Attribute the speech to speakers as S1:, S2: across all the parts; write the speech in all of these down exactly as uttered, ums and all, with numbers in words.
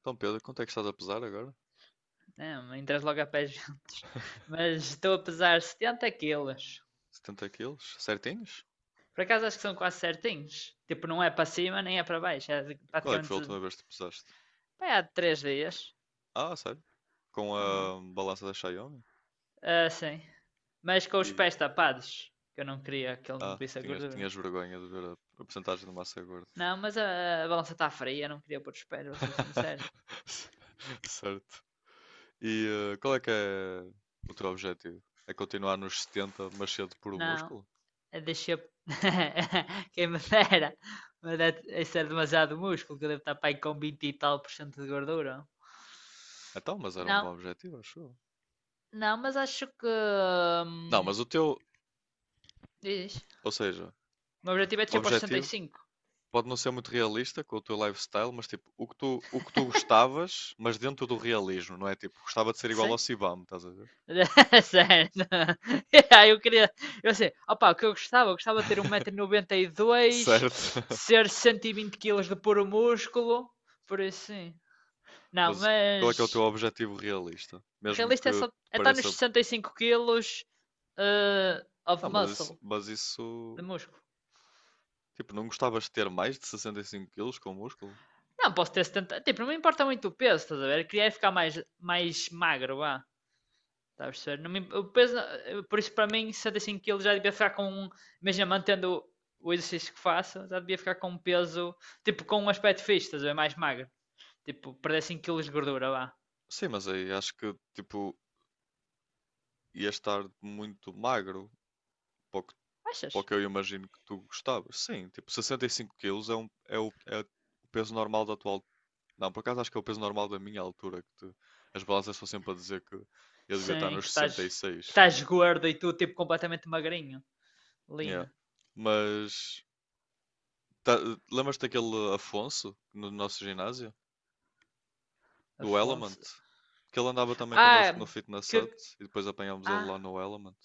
S1: Então, Pedro, quanto é que estás a pesar agora?
S2: Não, entre as logopés juntos. Mas estou a pesar setenta quilos.
S1: Setenta quilos? Certinhos?
S2: Por acaso acho que são quase certinhos. Tipo, não é para cima nem é para baixo. É
S1: Qual é que foi a
S2: praticamente.
S1: última vez que te pesaste?
S2: Pá, há três dias.
S1: Ah, sério? Com
S2: Uhum.
S1: a balança da Xiaomi?
S2: Ah, sim. Mas com os
S1: E.
S2: pés tapados. Que eu não queria que ele me
S1: Ah,
S2: visse a
S1: tinhas,
S2: gordura.
S1: tinhas vergonha de ver a, a porcentagem de massa gorda.
S2: Não, mas a, a balança está fria. Eu não queria pôr os pés, vou ser sincero.
S1: Certo. E eh, qual é que é o teu objetivo? É continuar nos setenta, mas cedo por um
S2: Não,
S1: músculo?
S2: deixa. Quem me dera. Mas é, isso é demasiado músculo. Que eu devo estar para aí com vinte e tal por cento de gordura.
S1: Então, mas era um
S2: Não,
S1: bom objetivo, acho eu.
S2: Não, mas acho que.
S1: Não,
S2: hum,
S1: mas o teu,
S2: Diz.
S1: ou seja,
S2: O meu objetivo é
S1: o
S2: descer para os
S1: objetivo
S2: sessenta e cinco.
S1: pode não ser muito realista com o teu lifestyle, mas tipo, o que tu, o que tu gostavas, mas dentro do realismo, não é? Tipo, gostava de ser igual ao
S2: Sim?
S1: Sibam, estás a ver?
S2: Certo. Aí eu queria. Eu sei. Opa, o que eu gostava? Eu gostava de ter um metro e noventa e dois
S1: Certo.
S2: ser cento e vinte quilos de puro músculo. Por isso, sim. Não,
S1: Mas qual é que é o teu
S2: mas.
S1: objetivo realista? Mesmo
S2: Realista é
S1: que
S2: só.
S1: te
S2: É estar nos
S1: pareça.
S2: sessenta e cinco quilos of
S1: Não, mas isso,
S2: muscle,
S1: mas
S2: de
S1: isso.
S2: músculo.
S1: Tipo, não gostavas de ter mais de sessenta e cinco quilos com músculo?
S2: Não, posso ter setenta. Tipo, não me importa muito o peso, estás a ver? Eu queria é ficar mais, mais magro, vá. Está a perceber? Não me- O peso, eh, por isso, para mim, sessenta e cinco quilos já devia ficar com um. Imagina, mantendo o exercício que faço, já devia ficar com um peso. Tipo, com um aspecto fixe, estás a ver? Mais magro. Tipo, perder cinco quilos de gordura lá.
S1: Sim, mas aí acho que, tipo, ia estar muito magro. Pouco para o
S2: Achas?
S1: que eu imagino que tu gostavas. Sim, tipo, sessenta e cinco quilos é, um, é, o, é o peso normal da tua altura. Não, por acaso acho que é o peso normal da minha altura, que te- as balanças estão sempre a dizer que eu devia estar
S2: Sim, que
S1: nos
S2: estás.
S1: sessenta e
S2: Que
S1: seis.
S2: estás gordo e tu, tipo, completamente magrinho.
S1: Yeah.
S2: Lina.
S1: Mas tá- lembras-te daquele Afonso no nosso ginásio? Do Element?
S2: Afonso.
S1: Que ele andava também
S2: Ah,
S1: connosco no Fitness Hut
S2: que.
S1: e depois apanhámos ele lá
S2: Ah,
S1: no Element.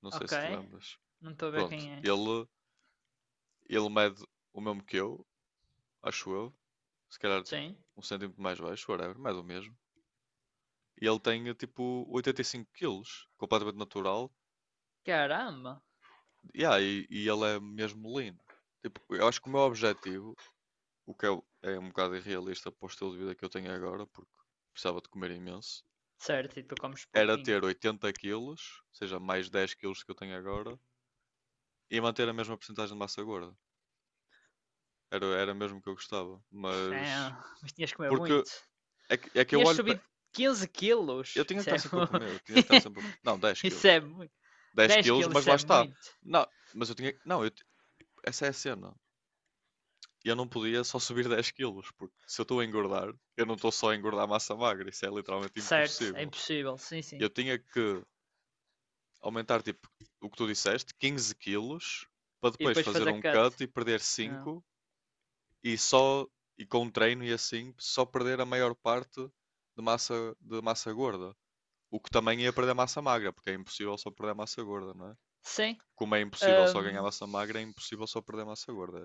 S1: Não sei
S2: ok.
S1: se te lembras.
S2: Não estou a ver
S1: Pronto,
S2: quem é.
S1: ele, ele mede o mesmo que eu, acho eu, se calhar tipo
S2: Sim.
S1: um centímetro mais baixo, whatever, mais ou mesmo. E ele tem tipo oitenta quilos, completamente natural.
S2: Caramba.
S1: Yeah, e, e ele é mesmo lean. Tipo, eu acho que o meu objetivo, o que é, é um bocado irrealista para o estilo de vida que eu tenho agora, porque precisava de comer imenso,
S2: Certo, e tu comes
S1: era
S2: pouquinho.
S1: ter oitenta quilos, ou seja, mais dez quilos que eu tenho agora, e manter a mesma porcentagem de massa gorda. Era, era mesmo que eu gostava.
S2: É,
S1: Mas.
S2: mas tinhas que comer
S1: Porque
S2: muito.
S1: é que, é que eu
S2: Tinhas
S1: olho para.
S2: subido quinze
S1: Eu
S2: quilos.
S1: tinha que
S2: Isso
S1: estar
S2: é
S1: sempre a
S2: muito.
S1: comer, eu tinha que estar sempre a... Não, dez
S2: Isso
S1: quilos.
S2: é muito.
S1: Dez
S2: dez
S1: quilos,
S2: quilos,
S1: mas
S2: isso
S1: lá
S2: é
S1: está.
S2: muito.
S1: Não, mas eu tinha. Não, eu essa é a cena. Eu não podia só subir dez quilos, porque se eu estou a engordar, eu não estou só a engordar massa magra. Isso é literalmente
S2: Certo, é
S1: impossível.
S2: impossível. Sim, sim.
S1: Eu tinha que aumentar, tipo, o que tu disseste, quinze quilos, para
S2: E
S1: depois
S2: depois
S1: fazer
S2: fazer
S1: um
S2: cut.
S1: cut e perder
S2: Ah,
S1: cinco e só. E com o treino e assim, só perder a maior parte de massa, de massa gorda. O que também ia perder massa magra, porque é impossível só perder massa gorda, não é?
S2: sim.
S1: Como é impossível só ganhar
S2: Ahm,
S1: massa magra, é impossível só perder massa gorda.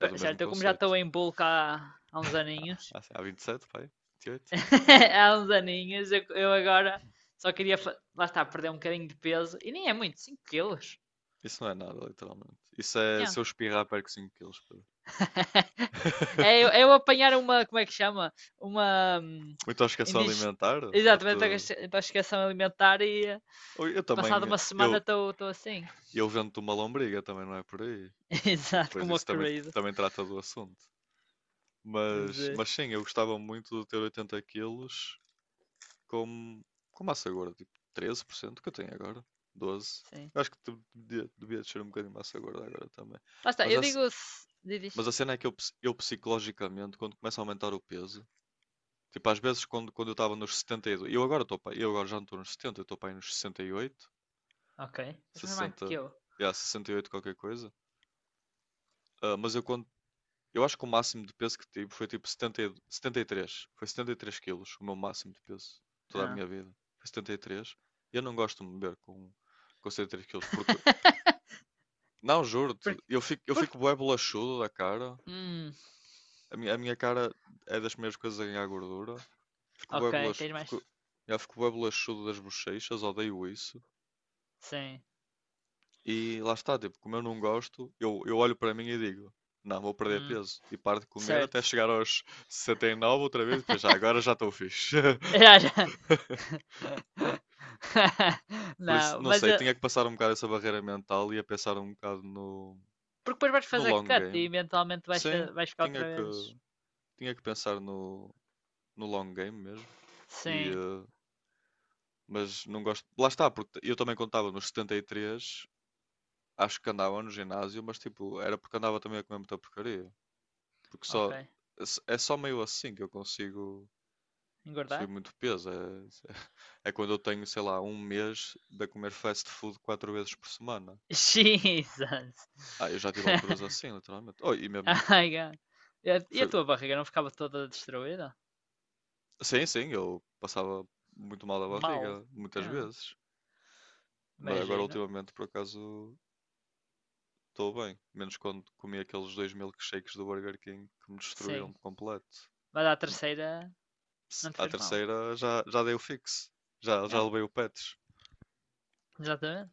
S1: É do mesmo
S2: certo, eu como já
S1: conceito.
S2: estou em bulk há, há uns aninhos.
S1: Há, há vinte e sete, pai? vinte e oito?
S2: Há uns aninhos, eu, eu agora só queria. fa- Lá está, perder um bocadinho de peso. E nem é muito, cinco quilos.
S1: Isso não é nada, literalmente. Isso é
S2: Yeah.
S1: se eu espirrar, perco cinco quilos, Pedro.
S2: É, eu, é eu apanhar uma, como é que chama? Uma hum,
S1: Muita obsessão
S2: indig...
S1: alimentar, para te...
S2: Exatamente, intoxicação alimentar e eh,
S1: Ou eu também,
S2: passada uma semana
S1: eu,
S2: estou assim.
S1: eu vendo-te uma lombriga, também não é por aí. E
S2: Exato,
S1: depois
S2: como o
S1: isso também,
S2: crazy.
S1: também trata do assunto.
S2: Mas,
S1: Mas,
S2: eh,
S1: mas sim, eu gostava muito de ter oitenta quilos com, com massa gorda, tipo treze por cento que eu tenho agora, doze por cento.
S2: sim.
S1: Eu acho que tu devia, devia descer um bocadinho de massa gorda agora também.
S2: Lá está,
S1: Mas
S2: eu
S1: a,
S2: digo. se- Diz, diz.
S1: mas a cena é que eu, eu psicologicamente, quando começa a aumentar o peso, tipo às vezes quando, quando eu estava nos setenta e dois eu agora, tô, eu agora já não estou nos setenta, eu estou para aí nos sessenta e oito,
S2: Ok. Tens mais magro
S1: sessenta,
S2: que eu.
S1: yeah, sessenta e oito qualquer coisa. Ah, mas eu quando eu acho que o máximo de peso que tive foi tipo setenta, e- setenta e três. Foi setenta e três quilos, o meu máximo de peso. Toda a minha
S2: Ah.
S1: vida. Foi setenta e três. E três. E eu não gosto de me ver com, com setenta e três quilos. Porque, não, juro-te,
S2: por,
S1: eu fico, eu
S2: por...
S1: fico bué bolachudo da cara.
S2: Hum,
S1: A minha, a minha cara é das primeiras coisas a ganhar gordura. Fico bué
S2: ok,
S1: bolachudo.
S2: tens mais.
S1: Fico, eu fico bué bolachudo das bochechas. Odeio isso.
S2: Sim.
S1: E lá está, tipo, como eu não gosto, eu, eu olho para mim e digo, não, vou perder
S2: Hum,
S1: peso. E paro de comer até
S2: Certo.
S1: chegar aos sessenta e nove outra vez, e depois já, agora já estou fixe.
S2: Já, já.
S1: Por isso,
S2: Não,
S1: não
S2: mas
S1: sei,
S2: eh,
S1: tinha que passar um bocado essa barreira mental e a pensar um bocado no,
S2: porque depois vais
S1: no
S2: fazer
S1: long
S2: cut e
S1: game.
S2: eventualmente vais,
S1: Sim,
S2: vais ficar
S1: tinha
S2: outra
S1: que,
S2: vez.
S1: tinha que pensar no, no long game mesmo. E,
S2: Sim,
S1: eh, mas não gosto. Lá está, porque eu também contava nos setenta e três, acho que andava no ginásio, mas tipo, era porque andava também a comer muita porcaria. Porque só,
S2: ok.
S1: é só meio assim que eu consigo subir
S2: Engordar?
S1: muito peso. É, é quando eu tenho, sei lá, um mês de a comer fast food quatro vezes por semana.
S2: Jesus!
S1: Ah, eu já tive alturas assim, literalmente. Oh, e mesmo,
S2: Ai, God. E a-
S1: foi,
S2: tua barriga não ficava toda destruída?
S1: sim, sim, eu passava muito mal da
S2: Mal.
S1: barriga, muitas
S2: É,
S1: vezes. Mas agora,
S2: imagino.
S1: ultimamente, por acaso, estou bem. Menos quando comi aqueles dois milkshakes do Burger King que me
S2: Sim.
S1: destruíram por completo.
S2: Mas a
S1: Hum,
S2: terceira
S1: se-
S2: não te
S1: À
S2: fez mal.
S1: terceira já, já dei o fixe. Já,
S2: É,
S1: já levei o pets.
S2: exatamente.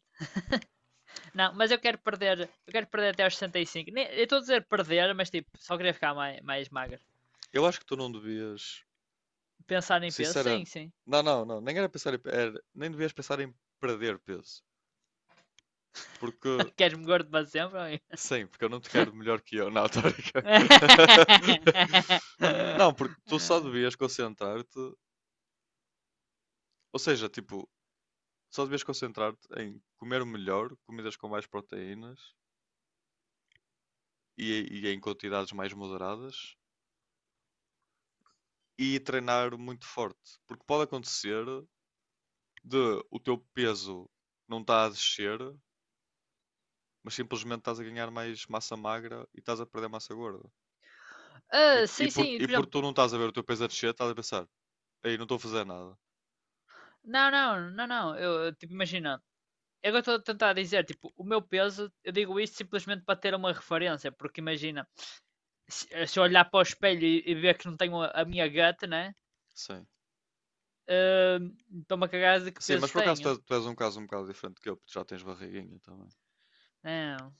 S2: Não, mas eu quero perder. Eu quero perder até aos sessenta e cinco. Nem- Eu estou a dizer perder, mas tipo, só queria ficar mais, mais magro.
S1: Eu acho que tu não devias.
S2: Pensar em peso? Sim,
S1: Sinceramente,
S2: sim.
S1: não, não, não, nem era pensar em, era- nem devias pensar em perder peso, porque
S2: Queres-me gordo para sempre?
S1: sim, porque eu não te quero melhor que eu, não, tô a brincar. Não, porque tu só devias concentrar-te, ou seja, tipo, só devias concentrar-te em comer melhor, comidas com mais proteínas e, e em quantidades mais moderadas e treinar muito forte, porque pode acontecer de o teu peso não está a descer, mas simplesmente estás a ganhar mais massa magra e estás a perder massa gorda. E,
S2: Ah,
S1: e,
S2: sim,
S1: por,
S2: sim,
S1: e
S2: por
S1: por tu
S2: exemplo,
S1: não estás a ver o teu peso a descer, estás a pensar, aí não estou a fazer nada.
S2: não, não, não, não, eu, tipo, imagina, eu estou a tentar dizer, tipo, o meu peso, eu digo isto simplesmente para ter uma referência, porque imagina, se, eh, se eu olhar para o espelho e, e ver que não tenho a, a minha gata, né,
S1: Sim.
S2: ah, estou-me a cagar de que
S1: Sim, mas
S2: peso
S1: por acaso tu
S2: tenho,
S1: és, tu és um caso um bocado diferente que eu, porque tu já tens barriguinha também.
S2: não,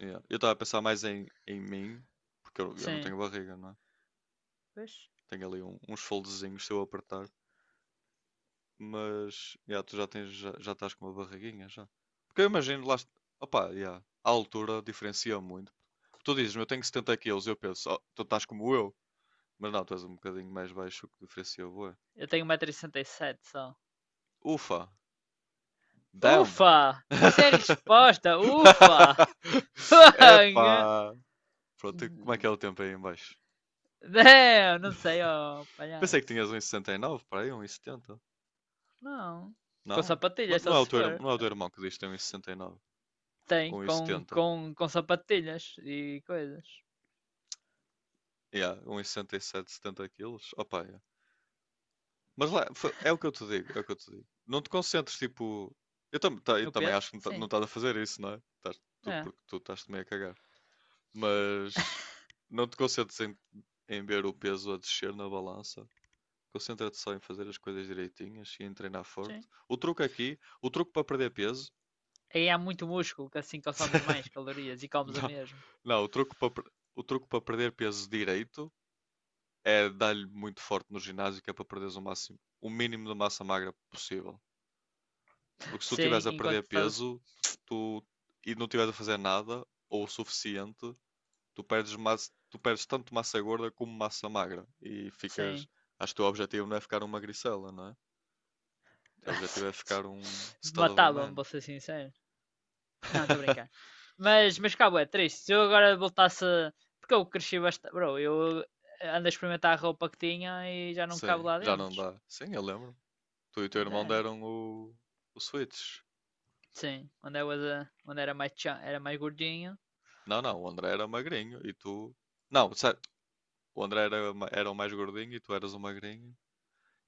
S1: Yeah. Eu estava a pensar mais em, em mim, porque eu, eu não
S2: sim,
S1: tenho barriga, não é?
S2: pois,
S1: Tenho ali um- uns foldezinhos se eu apertar, mas yeah, tu já tens, já, já estás com uma barriguinha já. Porque eu imagino lá, opá, yeah, a altura diferencia muito. Tu dizes eu tenho setenta quilos, eu penso, "Oh, tu estás como eu, mas não, tu és um bocadinho mais baixo, o que diferencia, bué.
S2: eu tenho um metro e sessenta e sete só,
S1: Ufa, damn!
S2: ufa, isso é a resposta, ufa.
S1: Epá! Pronto, e como é que é o tempo aí em baixo?
S2: É, eu não sei, ó,
S1: Pensei que
S2: palhaço.
S1: tinhas um e sessenta e nove para aí, um e setenta.
S2: Não. Com
S1: Não? Mas
S2: sapatilhas,
S1: não
S2: só
S1: é o
S2: se
S1: teu, irm-
S2: for.
S1: não é o teu irmão que diz que tem um vírgula sessenta e nove?
S2: Tem, com,
S1: um vírgula setenta.
S2: com, com sapatilhas e coisas.
S1: Yeah, um e sessenta e sete setenta quilos. Opa, yeah. Mas lá, fa- é o que eu te digo, é o que eu te digo. Não te concentres, tipo... Eu, tam ta- eu
S2: No
S1: também
S2: peso?
S1: acho que não ta- não
S2: Sim.
S1: estás a fazer isso, não é? Tás- tu,
S2: É,
S1: porque tu estás-te meio a cagar. Mas não te concentres em, em ver o peso a descer na balança. Concentra-te só em fazer as coisas direitinhas e em treinar forte.
S2: sim.
S1: O truque aqui, o truque para perder peso.
S2: Aí há muito músculo, que assim consomos mais calorias e comes o
S1: Não,
S2: mesmo.
S1: não, o truque para, per- o truque para perder peso direito é dar-lhe muito forte no ginásio, que é para perderes o máximo, o mínimo de massa magra possível. Porque se tu estiveres
S2: Sim,
S1: a perder
S2: enquanto estás.
S1: peso, tu, e não estiveres a fazer nada, ou o suficiente, tu perdes, massa, tu perdes tanto massa gorda como massa magra. E
S2: Sim.
S1: ficas. Acho que o teu objetivo não é ficar uma magricela, não é? O teu objetivo é
S2: Certo.
S1: ficar um stud of a
S2: Matava-me,
S1: man.
S2: vou ser sincero. Não, estou a brincar. Mas, mas cabo, é triste. Se eu agora voltasse. Porque eu cresci bastante. Bro, eu ando a experimentar a roupa que tinha e já não cabo
S1: Sim,
S2: lá
S1: já não
S2: dentro.
S1: dá. Sim, eu lembro. Tu e o teu
S2: Mas
S1: irmão
S2: é.
S1: deram o, o Switch.
S2: Sim, onde, I was a- onde era, mais tchan- era mais gordinho.
S1: Não, não, o André era magrinho e tu. Não, sério, o André era, ma- era o mais gordinho e tu eras o magrinho.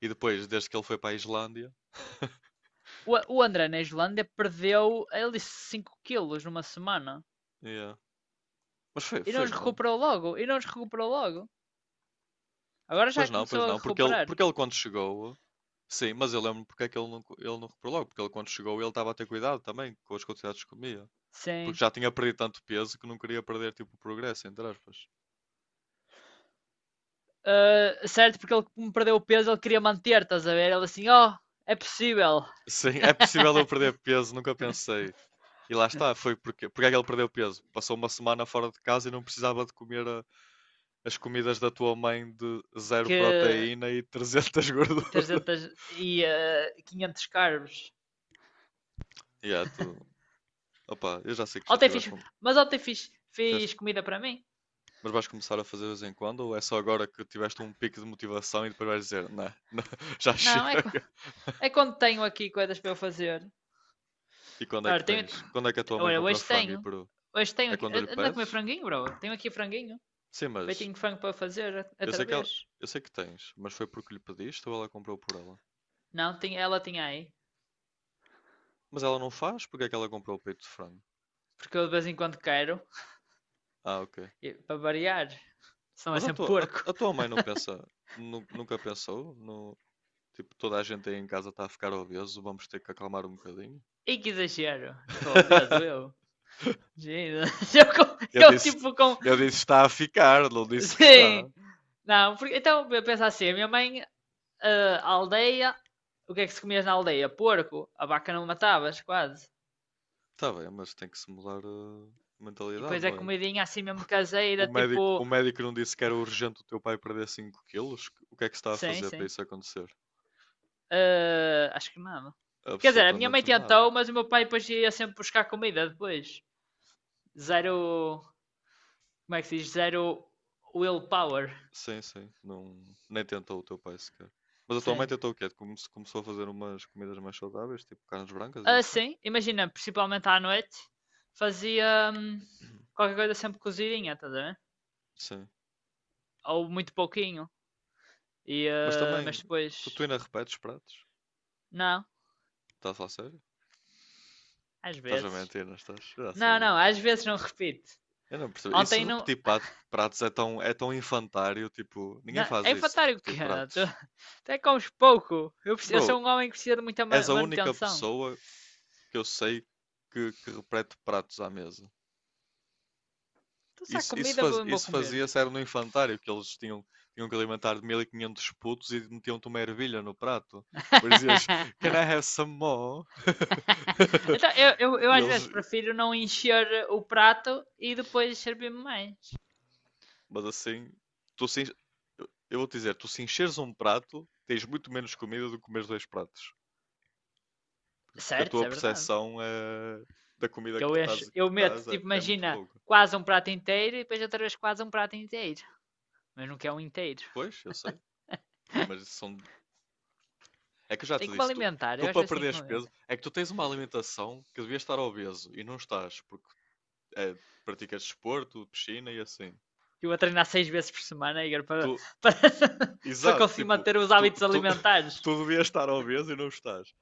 S1: E depois, desde que ele foi para a Islândia.
S2: O, o André na Islândia perdeu, ele disse cinco quilos numa semana.
S1: Yeah. Mas foi,
S2: E não
S1: foi
S2: os
S1: mesmo.
S2: recuperou logo, e não os recuperou logo. Agora
S1: Pois
S2: já
S1: não,
S2: começou
S1: pois
S2: a
S1: não. Porque ele,
S2: recuperar.
S1: porque ele quando chegou. Sim, mas eu lembro porque é que ele não, co- ele não reparou logo. Porque ele quando chegou ele estava a ter cuidado também com as quantidades que comia. Porque
S2: Sim.
S1: já tinha perdido tanto peso que não queria perder tipo o progresso, entre aspas.
S2: Ah, certo, porque ele como perdeu o peso, ele queria manter, estás a ver? Ele assim, oh, é possível.
S1: Sim, é possível eu perder peso, nunca pensei. E lá está, foi porque, porque é que ele perdeu peso? Passou uma semana fora de casa e não precisava de comer a- as comidas da tua mãe de zero
S2: Que
S1: proteína e trezentos
S2: e
S1: gordura.
S2: trezentos e ah, quinhentos carbos.
S1: E é, tu, opa, eu já sei que já
S2: Ontem fiz,
S1: tiveste um.
S2: mas ontem fiz,
S1: Fizeste-
S2: fiz comida para mim.
S1: mas vais começar a fazer de vez em quando ou é só agora que tiveste um pico de motivação e depois vais dizer, não, não, já
S2: Não, é,
S1: chega.
S2: é quando tenho aqui coisas para eu fazer.
S1: E quando é que
S2: Ora, tenho,
S1: tens? Quando é que a tua mãe
S2: Olha,
S1: compra
S2: hoje
S1: frango e
S2: tenho.
S1: peru?
S2: Hoje tenho
S1: É
S2: aqui.
S1: quando lhe
S2: Anda a comer
S1: pedes?
S2: franguinho, bro. Tenho aqui franguinho.
S1: Sim, mas
S2: Feitinho de frango para fazer
S1: eu sei
S2: outra
S1: que ela,
S2: vez.
S1: eu sei que tens, mas foi porque lhe pediste ou ela comprou por ela?
S2: Não, tinha, ela tinha aí.
S1: Mas ela não faz? Porque é que ela comprou o peito de frango?
S2: Porque eu de vez em quando quero.
S1: Ah, ok.
S2: e- Para variar. Senão é
S1: Mas a
S2: sempre
S1: tua, a,
S2: porco.
S1: a tua mãe não pensa, nu- nunca pensou no, tipo, toda a gente aí em casa está a ficar obeso, vamos ter que acalmar um bocadinho?
S2: E que exagero. Não estou obeso, eu. Jesus. Eu, com-
S1: Eu
S2: eu
S1: disse,
S2: tipo com.
S1: eu disse está a ficar, não disse que
S2: Sim.
S1: está.
S2: Não, porque, então eu penso assim. A minha mãe, ah, a aldeia. O que é que se comias na aldeia? Porco. A vaca não matavas, quase.
S1: Está bem, mas tem que se mudar eh, a
S2: E
S1: mentalidade,
S2: depois é
S1: não é?
S2: comidinha assim mesmo
S1: O
S2: caseira,
S1: médico, o
S2: tipo.
S1: médico não disse que era urgente o teu pai perder cinco quilos? O que é que se está a
S2: Sim,
S1: fazer para
S2: sim.
S1: isso acontecer?
S2: Ah, acho que não. Quer dizer, a minha mãe
S1: Absolutamente nada.
S2: tentou, mas o meu pai depois ia sempre buscar comida depois. Zero. Como é que se diz? Zero willpower.
S1: Sim, sim. Não, nem tentou o teu pai sequer. Mas a tua mãe
S2: Sim.
S1: tentou o quê? Come- Começou a fazer umas comidas mais saudáveis, tipo carnes brancas e
S2: Ah,
S1: assim?
S2: sim, imagina, principalmente à noite, fazia hum, qualquer coisa sempre cozidinha, estás a ver?
S1: Sim.
S2: Ou muito pouquinho. E,
S1: Mas
S2: ah,
S1: também,
S2: mas
S1: tu, tu
S2: depois.
S1: ainda repetes pratos?
S2: Não,
S1: Estás a sério?
S2: às
S1: Estás a
S2: vezes.
S1: mentir, não estás? Eu já
S2: Não,
S1: sabia.
S2: não, às vezes não repito.
S1: Eu não percebi. E se
S2: Ontem não.
S1: repetir pat- pratos é tão, é tão infantário, tipo,
S2: Não
S1: ninguém faz
S2: é
S1: isso de
S2: infantário o
S1: repetir
S2: quê?
S1: pratos.
S2: Até comes pouco. Eu, preciso- eu
S1: Bro,
S2: sou um homem que precisa de muita
S1: és a única
S2: manutenção.
S1: pessoa que eu sei que, que repete pratos à mesa.
S2: Então, se há
S1: Isso, isso,
S2: comida,
S1: faz-
S2: eu vou
S1: isso
S2: comer.
S1: fazia-se era no infantário, que eles tinham, tinham que alimentar mil e quinhentos putos e metiam-te uma ervilha no prato. Depois dizias, can I have some more?
S2: Então, eu, eu, eu
S1: E
S2: às vezes
S1: eles,
S2: prefiro não encher o prato e depois servir-me mais.
S1: mas assim, tu se eu vou te dizer, tu se encheres um prato, tens muito menos comida do que comeres dois pratos. Porque a
S2: Certo, isso
S1: tua
S2: é verdade.
S1: percepção é da comida
S2: Que
S1: que
S2: eu encho,
S1: estás, que
S2: eu meto,
S1: estás é,
S2: tipo,
S1: é muito
S2: imagina,
S1: pouca.
S2: quase um prato inteiro e depois outra vez quase um prato inteiro. Mas não quer um inteiro.
S1: Pois, eu sei, mas são. É que eu já
S2: Tem
S1: te
S2: que me
S1: disse, tu,
S2: alimentar,
S1: tu
S2: eu às
S1: para
S2: vezes tenho que
S1: perderes
S2: me
S1: peso,
S2: alimentar.
S1: é que tu tens uma alimentação que devias estar obeso e não estás, porque é, praticas desporto, piscina e assim.
S2: Eu vou treinar seis vezes por semana, Igor,
S1: Tu,
S2: para, para, para
S1: exato,
S2: conseguir
S1: tipo,
S2: manter os
S1: tu,
S2: hábitos
S1: tu,
S2: alimentares.
S1: tu devias estar obeso e não estás.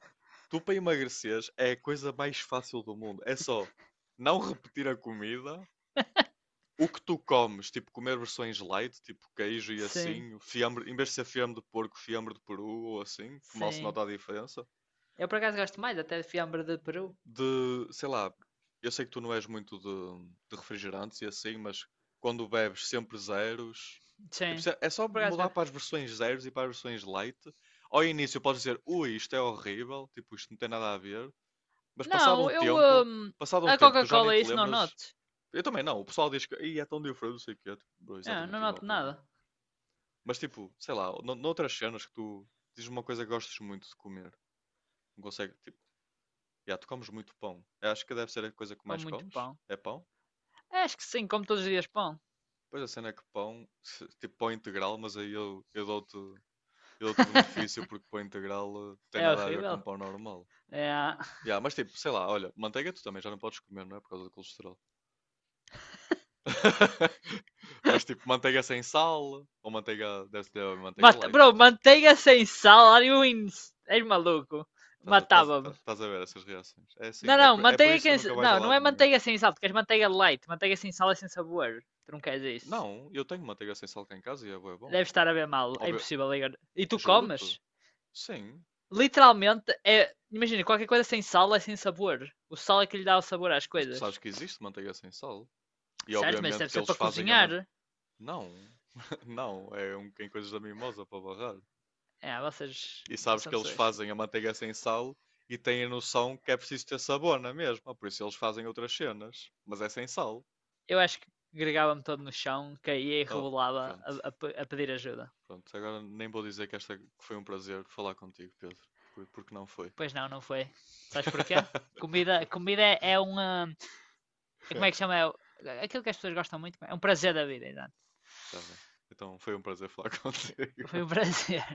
S1: Tu para emagreceres é a coisa mais fácil do mundo. É só não repetir a comida, o que tu comes, tipo comer versões light, tipo queijo e
S2: Sim,
S1: assim, fiambre, em vez de ser fiambre de porco, fiambre de peru ou assim, que mal se
S2: sim.
S1: nota a diferença.
S2: Eu por acaso gosto mais até de fiambre de peru.
S1: De, sei lá, eu sei que tu não és muito de, de refrigerantes e assim, mas quando bebes sempre zeros, tipo,
S2: Sim.
S1: se- é é só
S2: Eu por acaso
S1: mudar
S2: bebo.
S1: para as versões zeros e para as versões light. Ao início podes dizer, ui, isto é horrível, tipo, isto não tem nada a ver, mas passado
S2: Não,
S1: um
S2: eu.
S1: tempo,
S2: hum,
S1: passado um
S2: a
S1: tempo, tu já nem
S2: Coca-Cola, é
S1: te
S2: isso não
S1: lembras.
S2: noto.
S1: Eu também não, o pessoal diz que "Ih, é tão diferente, não sei o quê", tipo, bro,
S2: É, não
S1: exatamente igual
S2: noto
S1: para mim.
S2: nada.
S1: Mas tipo, sei lá, no- noutras cenas que tu dizes uma coisa que gostas muito de comer, não consegue, tipo, já, tu comes muito pão. Eu acho que deve ser a coisa que
S2: Como
S1: mais
S2: muito
S1: comes.
S2: pão.
S1: É pão?
S2: É, acho que sim, como todos os dias pão.
S1: Pois a cena é que pão, se- tipo pão integral, mas aí eu, eu dou-te eu dou-te o benefício porque pão integral eh, tem
S2: É
S1: nada a ver com
S2: horrível.
S1: pão normal.
S2: É.
S1: Já, mas tipo, sei lá, olha, manteiga tu também já não podes comer, não é? Por causa do colesterol. Mas tipo, manteiga sem sal, ou manteiga, deve ser manteiga
S2: Mata...
S1: light
S2: Bro,
S1: também.
S2: manteiga sem sal, are you in... És maluco.
S1: Estás a, estás, a-
S2: Matava-me.
S1: estás a ver essas reações. É assim,
S2: Não,
S1: é
S2: não,
S1: por, é por
S2: manteiga
S1: isso que nunca
S2: que...
S1: vais a
S2: Não, não é
S1: lado nenhum.
S2: manteiga sem sal, tu queres manteiga light. Manteiga sem sal é sem sabor. Tu não queres isso.
S1: Não, eu tenho manteiga sem sal cá em casa e é bué bom.
S2: Deve estar a ver mal. É
S1: Óbvio,
S2: impossível, Igor. E tu comes?
S1: juro-te. Sim,
S2: Literalmente, é... Imagina, qualquer coisa sem sal é sem sabor. O sal é que lhe dá o sabor às
S1: mas tu sabes
S2: coisas.
S1: que existe manteiga sem sal. E
S2: Certo, mas
S1: obviamente
S2: deve
S1: que
S2: ser
S1: eles
S2: para
S1: fazem a manteiga.
S2: cozinhar.
S1: Não, não, é um em coisas da mimosa para barrar.
S2: É, vocês
S1: E sabes
S2: são
S1: que eles
S2: pessoas.
S1: fazem a manteiga sem sal e têm a noção que é preciso ter sabor na mesma, por isso eles fazem outras cenas, mas é sem sal.
S2: Eu acho que gregava-me todo no chão, caía e
S1: Oh,
S2: rebolava
S1: pronto,
S2: a, a a pedir ajuda.
S1: pronto. Agora nem vou dizer que esta que foi um prazer falar contigo, Pedro, por- porque não foi.
S2: Pois não, não foi. Sabes porquê? Comida, comida é- é uma. É como é que chama? É, aquilo que as pessoas gostam muito. É um prazer da vida, exato.
S1: Tá bem. Então foi um prazer falar
S2: Foi, foi
S1: contigo.
S2: um prazer.